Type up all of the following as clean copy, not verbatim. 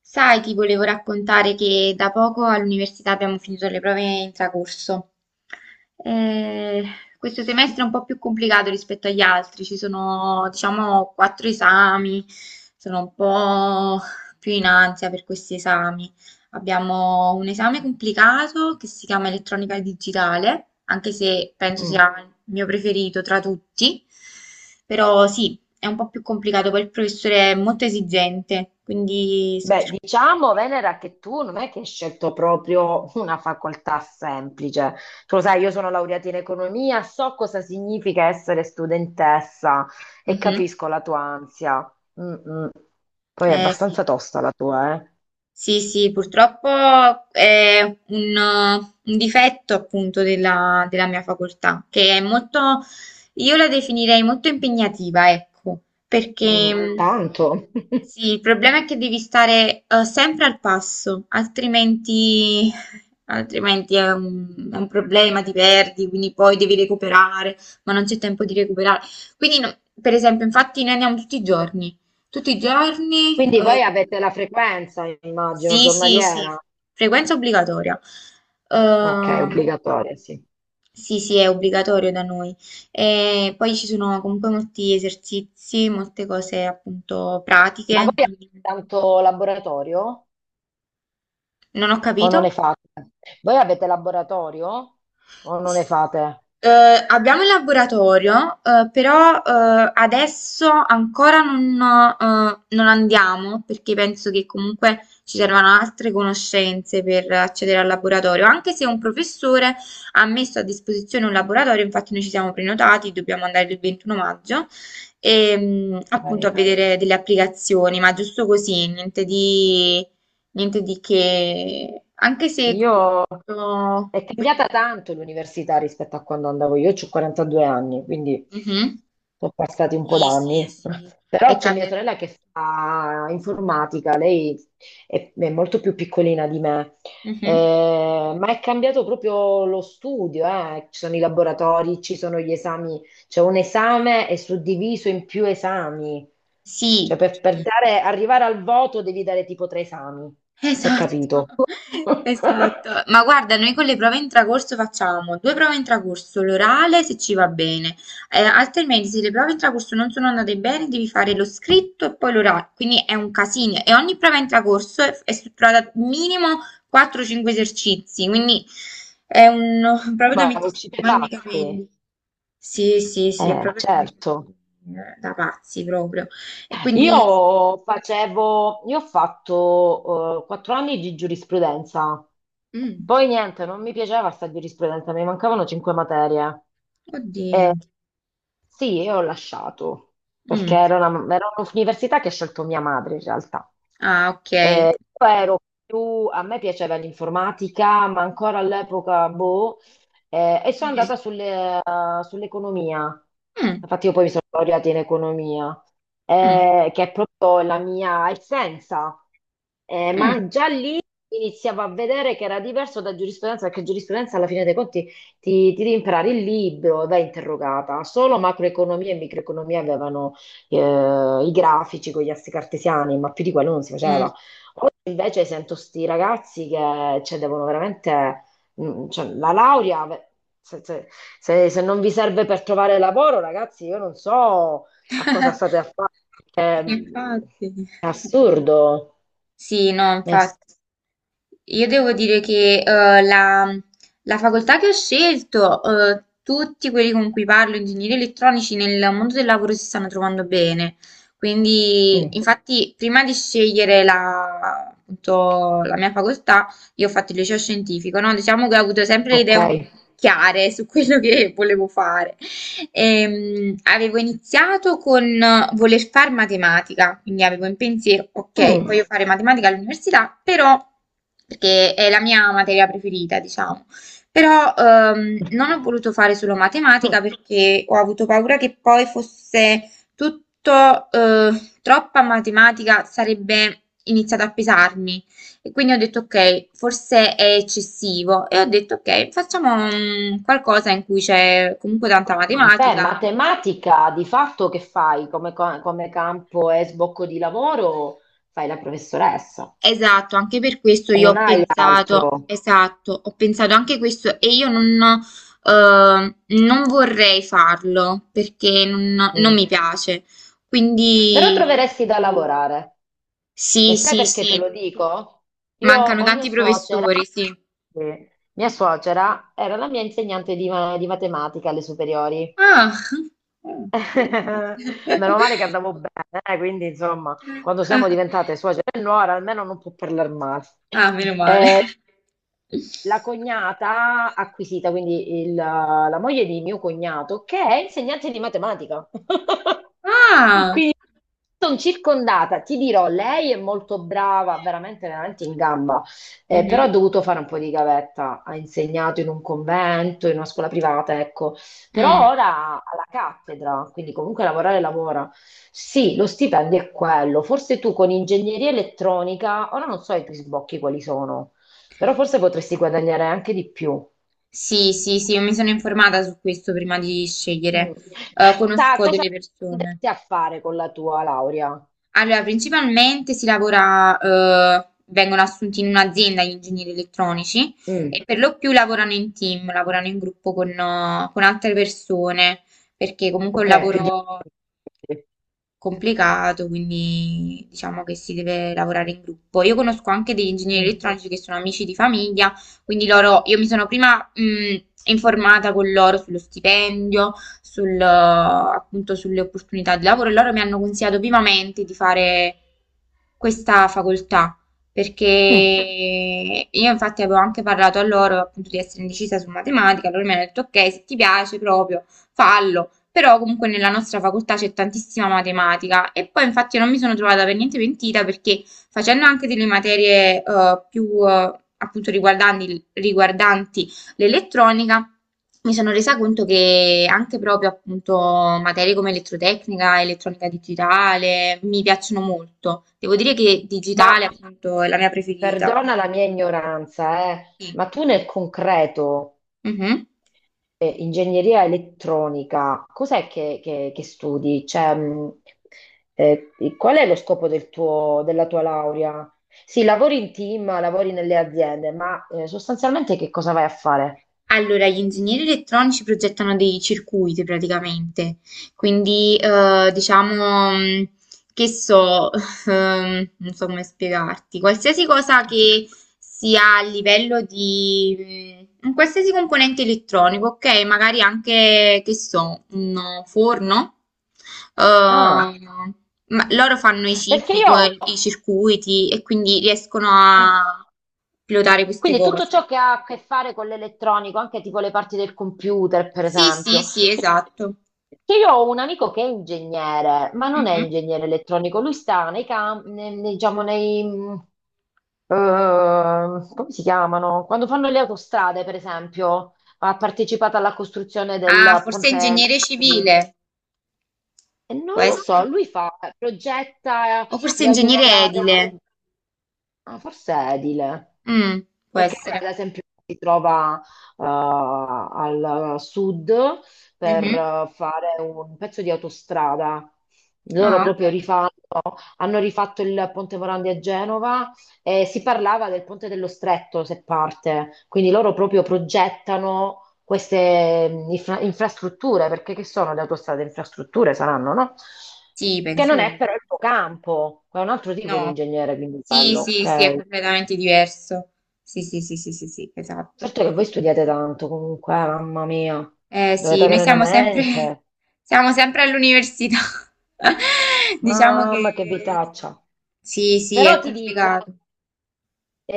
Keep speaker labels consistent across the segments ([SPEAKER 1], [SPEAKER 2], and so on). [SPEAKER 1] Sai, ti volevo raccontare che da poco all'università abbiamo finito le prove intracorso. Eh, Questo semestre è un po' più complicato rispetto agli altri, ci sono, diciamo, quattro esami, sono un po' più in ansia per questi esami. Abbiamo un esame complicato che si chiama elettronica digitale, anche se penso sia
[SPEAKER 2] Mm.
[SPEAKER 1] il mio preferito tra tutti. Però sì, è un po' più complicato, poi il professore è molto esigente, quindi sto
[SPEAKER 2] Beh,
[SPEAKER 1] cercando
[SPEAKER 2] diciamo, Venera, che tu non è che hai scelto proprio una facoltà semplice. Tu lo sai, io sono laureata in economia, so cosa significa essere studentessa
[SPEAKER 1] di...
[SPEAKER 2] e
[SPEAKER 1] Mhm.
[SPEAKER 2] capisco la tua ansia. Mm, mm. Poi è
[SPEAKER 1] Eh sì.
[SPEAKER 2] abbastanza tosta la tua, eh?
[SPEAKER 1] Sì, sì, purtroppo è un, un difetto appunto della mia facoltà, che è molto, io la definirei molto impegnativa, ecco, perché
[SPEAKER 2] Mm, tanto.
[SPEAKER 1] Sì, il problema è che devi stare sempre al passo, altrimenti, altrimenti è è un problema, ti perdi, quindi poi devi recuperare, ma non c'è tempo di recuperare. Quindi, per esempio, infatti noi andiamo tutti i giorni, tutti i giorni.
[SPEAKER 2] Quindi voi avete la frequenza, immagino,
[SPEAKER 1] Sì, sì, sì,
[SPEAKER 2] giornaliera.
[SPEAKER 1] frequenza obbligatoria.
[SPEAKER 2] Ok,
[SPEAKER 1] Eh,
[SPEAKER 2] obbligatoria, sì.
[SPEAKER 1] sì, sì, è obbligatorio da noi. E poi ci sono comunque molti esercizi, molte cose appunto
[SPEAKER 2] Ma voi
[SPEAKER 1] pratiche.
[SPEAKER 2] avete
[SPEAKER 1] Quindi
[SPEAKER 2] tanto laboratorio?
[SPEAKER 1] non ho
[SPEAKER 2] O non
[SPEAKER 1] capito.
[SPEAKER 2] ne fate? Voi avete laboratorio o non ne
[SPEAKER 1] S-
[SPEAKER 2] fate?
[SPEAKER 1] Abbiamo il laboratorio, però adesso ancora non andiamo perché penso che comunque ci servano altre conoscenze per accedere al laboratorio, anche se un professore ha messo a disposizione un laboratorio, infatti noi ci siamo prenotati, dobbiamo andare il 21 maggio e appunto a
[SPEAKER 2] Ok.
[SPEAKER 1] vedere delle applicazioni, ma giusto così, niente di che, anche se in
[SPEAKER 2] Io È
[SPEAKER 1] questo.
[SPEAKER 2] cambiata tanto l'università rispetto a quando andavo io, ho 42 anni, quindi
[SPEAKER 1] Mh-mh.
[SPEAKER 2] sono passati un po'
[SPEAKER 1] Sì, sì,
[SPEAKER 2] d'anni.
[SPEAKER 1] sì,
[SPEAKER 2] Però
[SPEAKER 1] è
[SPEAKER 2] c'è mia
[SPEAKER 1] cambiato
[SPEAKER 2] sorella
[SPEAKER 1] molto.
[SPEAKER 2] che fa informatica, lei è molto più piccolina di me.
[SPEAKER 1] Mh-mh.
[SPEAKER 2] Ma è cambiato proprio lo studio, eh. Ci sono i laboratori, ci sono gli esami, c'è un esame è suddiviso in più esami, cioè
[SPEAKER 1] Sì, sì,
[SPEAKER 2] per, per
[SPEAKER 1] sì.
[SPEAKER 2] dare- arrivare al voto devi dare tipo tre esami, non si è capito.
[SPEAKER 1] Esatto, esatto. Ma guarda, noi con le prove intracorso facciamo due prove intracorso, l'orale se ci va bene, altrimenti se le prove intracorso non sono andate bene devi fare lo scritto e poi l'orale, quindi è un casino e ogni prova intracorso è strutturata minimo quattro o cinque esercizi, quindi è un proprio da
[SPEAKER 2] Ma
[SPEAKER 1] mettersi le
[SPEAKER 2] uscite
[SPEAKER 1] mani nei
[SPEAKER 2] pazze,
[SPEAKER 1] capelli. Sì, sì, sì, è proprio
[SPEAKER 2] certo.
[SPEAKER 1] da pazzi proprio. E quindi,
[SPEAKER 2] Io ho fatto 4 anni di giurisprudenza,
[SPEAKER 1] mm,
[SPEAKER 2] poi niente, non mi piaceva sta giurisprudenza, mi mancavano 5 materie.
[SPEAKER 1] oddio.
[SPEAKER 2] Eh, Sì, io ho lasciato, perché
[SPEAKER 1] Mm.
[SPEAKER 2] era un'università che ha scelto mia madre in realtà.
[SPEAKER 1] Ah, ok.
[SPEAKER 2] Io ero più, a me piaceva l'informatica, ma ancora all'epoca, boh, e sono andata
[SPEAKER 1] Mm,
[SPEAKER 2] sulle- eh, sull'economia.
[SPEAKER 1] mm,
[SPEAKER 2] Infatti io poi mi sono laureata in economia,
[SPEAKER 1] mm,
[SPEAKER 2] che è proprio la mia essenza.
[SPEAKER 1] mm,
[SPEAKER 2] Ma già lì iniziavo a vedere che era diverso da giurisprudenza, perché giurisprudenza alla fine dei conti ti devi imparare il libro, vai interrogata. Solo macroeconomia e microeconomia avevano eh, i grafici con gli assi cartesiani, ma più di quello non si
[SPEAKER 1] mm.
[SPEAKER 2] faceva. Oggi invece sento sti ragazzi che cioè, devono veramente... mm, cioè, la laurea, se, se- se non vi serve per trovare lavoro, ragazzi, io non so a cosa state a fare. Perché, mm,
[SPEAKER 1] Infatti.
[SPEAKER 2] è, assurdo.
[SPEAKER 1] Sì, no,
[SPEAKER 2] È ass-
[SPEAKER 1] infatti. Io devo dire che la facoltà che ho scelto, tutti quelli con cui parlo, ingegneri elettronici, nel mondo del lavoro si stanno trovando bene. Quindi,
[SPEAKER 2] mm,
[SPEAKER 1] infatti, prima di scegliere la, appunto, la mia facoltà, io ho fatto il liceo scientifico, no? Diciamo che ho avuto sempre le
[SPEAKER 2] ok.
[SPEAKER 1] idee chiare su quello che volevo fare. Avevo iniziato con voler fare matematica, quindi avevo in pensiero, ok,
[SPEAKER 2] Mm.
[SPEAKER 1] voglio fare matematica all'università, però, perché è la mia materia preferita, diciamo, però non ho voluto fare solo matematica perché ho avuto paura che poi fosse tutto troppa matematica, sarebbe iniziato a pesarmi. E quindi ho detto ok, forse è eccessivo e ho detto ok, facciamo mm, qualcosa in cui c'è comunque tanta
[SPEAKER 2] Beh,
[SPEAKER 1] matematica.
[SPEAKER 2] matematica di fatto che fai come, come campo e sbocco di lavoro? Fai la professoressa
[SPEAKER 1] Esatto, anche per questo
[SPEAKER 2] e
[SPEAKER 1] io
[SPEAKER 2] non
[SPEAKER 1] ho
[SPEAKER 2] hai altro.
[SPEAKER 1] pensato, esatto, ho pensato anche questo e io non, non vorrei farlo perché non mi
[SPEAKER 2] Mm.
[SPEAKER 1] piace.
[SPEAKER 2] Però
[SPEAKER 1] Quindi
[SPEAKER 2] troveresti da lavorare. E
[SPEAKER 1] sì,
[SPEAKER 2] sai
[SPEAKER 1] sì,
[SPEAKER 2] perché
[SPEAKER 1] sì,
[SPEAKER 2] te lo dico? Io
[SPEAKER 1] mancano
[SPEAKER 2] ho mia
[SPEAKER 1] tanti
[SPEAKER 2] suocera.
[SPEAKER 1] professori, sì.
[SPEAKER 2] Sì. Mia suocera era la mia insegnante di matematica alle superiori.
[SPEAKER 1] Ah, interessante.
[SPEAKER 2] Meno male che andavo bene, quindi insomma, quando siamo diventate suocera e nuora, almeno non può parlare male.
[SPEAKER 1] Ah, meno male.
[SPEAKER 2] La cognata acquisita, quindi la moglie di mio cognato, che è insegnante di matematica.
[SPEAKER 1] Ah!
[SPEAKER 2] Quindi sono circondata, ti dirò, lei è molto brava, veramente, veramente in gamba, però ha
[SPEAKER 1] Mhm.
[SPEAKER 2] dovuto fare un po' di gavetta, ha insegnato in un convento, in una scuola privata, ecco, però
[SPEAKER 1] Mm.
[SPEAKER 2] ora alla cattedra, quindi comunque lavorare lavora. Sì, lo stipendio è quello, forse tu con ingegneria elettronica, ora non so i tuoi sbocchi quali sono, però forse potresti guadagnare anche di più.
[SPEAKER 1] Sì, sì, sì, io mi sono informata su questo prima di
[SPEAKER 2] Mm.
[SPEAKER 1] scegliere. Conosco
[SPEAKER 2] Cosa
[SPEAKER 1] delle persone.
[SPEAKER 2] andresti a fare con la tua laurea?
[SPEAKER 1] Allora, principalmente si lavora, vengono assunti in un'azienda gli ingegneri elettronici
[SPEAKER 2] Mm,
[SPEAKER 1] e per lo più lavorano in team, lavorano in gruppo con altre persone, perché comunque è un
[SPEAKER 2] ok, più di...
[SPEAKER 1] lavoro complicato, quindi diciamo che si deve lavorare in gruppo. Io conosco anche degli ingegneri
[SPEAKER 2] Mm.
[SPEAKER 1] elettronici che sono amici di famiglia, quindi loro, io mi sono prima informata con loro sullo stipendio, appunto sulle opportunità di lavoro e loro mi hanno consigliato vivamente di fare questa facoltà. Perché
[SPEAKER 2] Mm.
[SPEAKER 1] io infatti avevo anche parlato a loro appunto di essere indecisa su matematica, loro mi hanno detto ok, se ti piace proprio fallo, però comunque nella nostra facoltà c'è tantissima matematica e poi infatti non mi sono trovata per niente pentita perché facendo anche delle materie più appunto riguardanti l'elettronica mi sono resa conto che anche proprio appunto materie come elettrotecnica, elettronica digitale mi piacciono molto. Devo dire che
[SPEAKER 2] Ma
[SPEAKER 1] digitale appunto è la mia preferita.
[SPEAKER 2] perdona la mia ignoranza,
[SPEAKER 1] Sì.
[SPEAKER 2] ma tu nel concreto,
[SPEAKER 1] Mhm.
[SPEAKER 2] ingegneria elettronica, cos'è che studi? Cioè, qual è lo scopo della tua laurea? Sì, lavori in team, lavori nelle aziende, ma sostanzialmente che cosa vai a fare?
[SPEAKER 1] Allora, gli ingegneri elettronici progettano dei circuiti praticamente, quindi diciamo che so, non so come spiegarti, qualsiasi cosa che sia a livello di un qualsiasi componente elettronico, ok? Magari anche, che so, un forno,
[SPEAKER 2] Ah,
[SPEAKER 1] ehm, ma loro fanno i chip,
[SPEAKER 2] perché io.
[SPEAKER 1] i circuiti e quindi riescono a
[SPEAKER 2] Ah.
[SPEAKER 1] pilotare queste
[SPEAKER 2] Quindi tutto
[SPEAKER 1] cose.
[SPEAKER 2] ciò che ha a che fare con l'elettronico, anche tipo le parti del computer, per
[SPEAKER 1] Sì, sì,
[SPEAKER 2] esempio.
[SPEAKER 1] sì, esatto.
[SPEAKER 2] Perché io ho un amico che è ingegnere, ma non è
[SPEAKER 1] Mhm.
[SPEAKER 2] ingegnere elettronico, lui sta nei campi, diciamo, nei, eh, come si chiamano? Quando fanno le autostrade, per esempio, ha partecipato alla costruzione
[SPEAKER 1] Ah,
[SPEAKER 2] del
[SPEAKER 1] forse
[SPEAKER 2] ponte
[SPEAKER 1] ingegnere
[SPEAKER 2] Morandi.
[SPEAKER 1] civile,
[SPEAKER 2] E
[SPEAKER 1] può
[SPEAKER 2] non lo so,
[SPEAKER 1] essere.
[SPEAKER 2] lui fa, progetta
[SPEAKER 1] O forse
[SPEAKER 2] le
[SPEAKER 1] ingegnere
[SPEAKER 2] autostrade.
[SPEAKER 1] edile.
[SPEAKER 2] Ah, forse è edile,
[SPEAKER 1] Mm, può
[SPEAKER 2] perché
[SPEAKER 1] essere.
[SPEAKER 2] ora, ad esempio si trova al sud per
[SPEAKER 1] Mhm.
[SPEAKER 2] fare un pezzo di autostrada. Loro
[SPEAKER 1] Ah,
[SPEAKER 2] proprio
[SPEAKER 1] ok.
[SPEAKER 2] rifanno, hanno rifatto il Ponte Morandi a Genova e si parlava del Ponte dello Stretto, se parte. Quindi loro proprio progettano queste infrastrutture, perché che sono le autostrade? Infrastrutture saranno, no?
[SPEAKER 1] Sì,
[SPEAKER 2] Che non
[SPEAKER 1] penso.
[SPEAKER 2] è però il tuo campo, è un altro tipo di
[SPEAKER 1] No.
[SPEAKER 2] ingegnere, quindi
[SPEAKER 1] Sì,
[SPEAKER 2] bello,
[SPEAKER 1] sì, sì,
[SPEAKER 2] ok?
[SPEAKER 1] è completamente diverso. Sì, sì, sì, sì, sì, sì, esatto.
[SPEAKER 2] Certo che voi studiate tanto comunque, mamma mia, dovete
[SPEAKER 1] Sì, noi
[SPEAKER 2] avere una
[SPEAKER 1] siamo sempre,
[SPEAKER 2] mente,
[SPEAKER 1] siamo sempre all'università. Diciamo
[SPEAKER 2] mamma che
[SPEAKER 1] che
[SPEAKER 2] vitaccia.
[SPEAKER 1] sì, sì,
[SPEAKER 2] Però
[SPEAKER 1] è
[SPEAKER 2] ti dico,
[SPEAKER 1] complicato.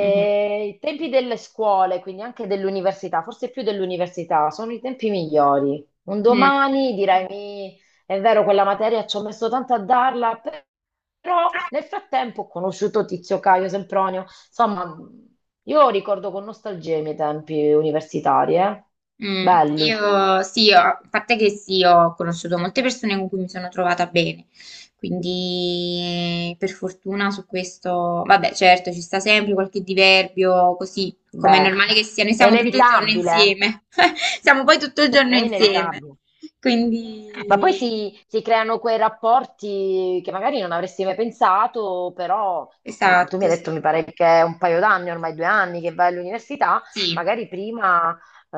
[SPEAKER 1] Mhm.
[SPEAKER 2] i tempi delle scuole, quindi anche dell'università, forse più dell'università, sono i tempi migliori. Un
[SPEAKER 1] Mm.
[SPEAKER 2] domani direi, è vero, quella materia ci ho messo tanto a darla, però nel frattempo ho conosciuto Tizio Caio Sempronio". Insomma, io ricordo con nostalgia i miei tempi universitari, eh?
[SPEAKER 1] Mm,
[SPEAKER 2] Belli.
[SPEAKER 1] io sì, a parte che sì, ho conosciuto molte persone con cui mi sono trovata bene, quindi per fortuna su questo, vabbè, certo, ci sta sempre qualche diverbio, così come è
[SPEAKER 2] Beh,
[SPEAKER 1] normale che sia, noi
[SPEAKER 2] è
[SPEAKER 1] siamo tutto il giorno
[SPEAKER 2] inevitabile,
[SPEAKER 1] insieme, siamo poi tutto il
[SPEAKER 2] è
[SPEAKER 1] giorno insieme,
[SPEAKER 2] inevitabile. Ma poi
[SPEAKER 1] quindi
[SPEAKER 2] si creano quei rapporti che magari non avresti mai pensato, però tu mi
[SPEAKER 1] esatto,
[SPEAKER 2] hai detto, mi
[SPEAKER 1] sì,
[SPEAKER 2] pare che è un paio d'anni, ormai 2 anni che vai all'università,
[SPEAKER 1] sì,
[SPEAKER 2] magari prima eh,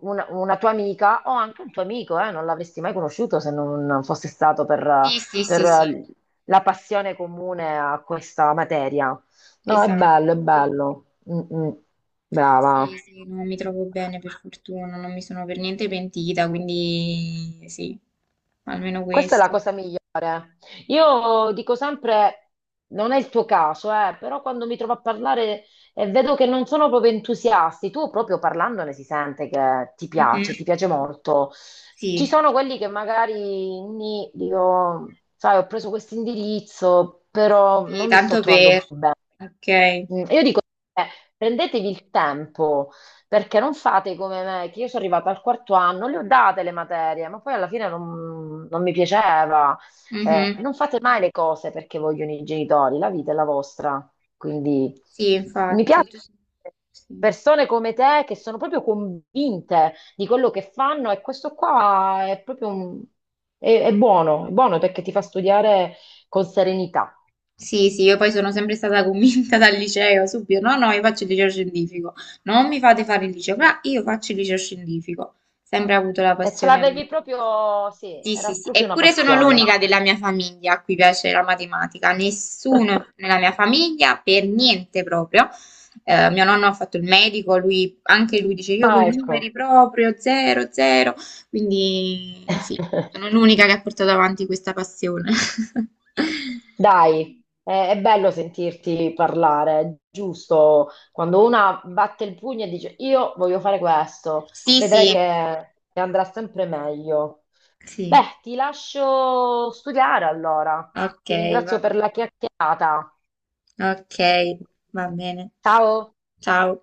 [SPEAKER 2] una tua amica o anche un tuo amico, non l'avresti mai conosciuto se non fosse stato
[SPEAKER 1] sì, sì, sì, sì,
[SPEAKER 2] per la passione comune a questa materia. No, è
[SPEAKER 1] esatto.
[SPEAKER 2] bello, è bello. Mm, mm.
[SPEAKER 1] Sì,
[SPEAKER 2] Brava.
[SPEAKER 1] sì, non mi trovo bene per fortuna, non mi sono per niente pentita, quindi sì, almeno
[SPEAKER 2] Questa è la
[SPEAKER 1] questo.
[SPEAKER 2] cosa. Io dico sempre, non è il tuo caso, però quando mi trovo a parlare e vedo che non sono proprio entusiasti, tu proprio parlandone si sente che
[SPEAKER 1] Mhm.
[SPEAKER 2] ti piace molto. Ci
[SPEAKER 1] Sì,
[SPEAKER 2] sono quelli che magari dico, sai, ho preso questo indirizzo, però
[SPEAKER 1] sì,
[SPEAKER 2] non mi sto
[SPEAKER 1] tanto
[SPEAKER 2] trovando.
[SPEAKER 1] per. Ok.
[SPEAKER 2] Mm, io dico, eh, prendetevi il tempo, perché non fate come me, che io sono arrivata al 4° anno, le ho date le materie, ma poi alla fine non, non mi piaceva.
[SPEAKER 1] Mhm.
[SPEAKER 2] Non fate mai le cose perché vogliono i genitori, la vita è la vostra. Quindi
[SPEAKER 1] Sì,
[SPEAKER 2] mi piace
[SPEAKER 1] infatti. Sì.
[SPEAKER 2] persone come te che sono proprio convinte di quello che fanno e questo qua è proprio un- è buono perché ti fa studiare con serenità.
[SPEAKER 1] Sì, sì, io poi sono sempre stata convinta dal liceo, subito, no, no, io faccio il liceo scientifico, non mi fate fare il liceo, ma io faccio il liceo scientifico, sempre avuto la
[SPEAKER 2] E ce
[SPEAKER 1] passione.
[SPEAKER 2] l'avevi proprio, sì,
[SPEAKER 1] Sì,
[SPEAKER 2] era
[SPEAKER 1] sì, sì,
[SPEAKER 2] proprio una
[SPEAKER 1] eppure sono
[SPEAKER 2] passione.
[SPEAKER 1] l'unica della mia famiglia a cui piace la matematica, nessuno nella mia famiglia, per niente proprio. Mio nonno ha fatto il medico, lui, anche lui dice io con i
[SPEAKER 2] Ah,
[SPEAKER 1] numeri
[SPEAKER 2] ecco.
[SPEAKER 1] proprio, zero, zero, quindi sì, sono l'unica che ha portato avanti questa passione.
[SPEAKER 2] Dai, è bello sentirti parlare, è giusto. Quando una batte il pugno e dice io voglio fare questo,
[SPEAKER 1] Sì,
[SPEAKER 2] vedrai
[SPEAKER 1] sì,
[SPEAKER 2] che andrà sempre meglio.
[SPEAKER 1] sì,
[SPEAKER 2] Beh, ti lascio studiare allora.
[SPEAKER 1] ok,
[SPEAKER 2] Ti
[SPEAKER 1] va
[SPEAKER 2] ringrazio per
[SPEAKER 1] bene.
[SPEAKER 2] la chiacchierata.
[SPEAKER 1] Ok, va bene.
[SPEAKER 2] Ciao.
[SPEAKER 1] Ciao.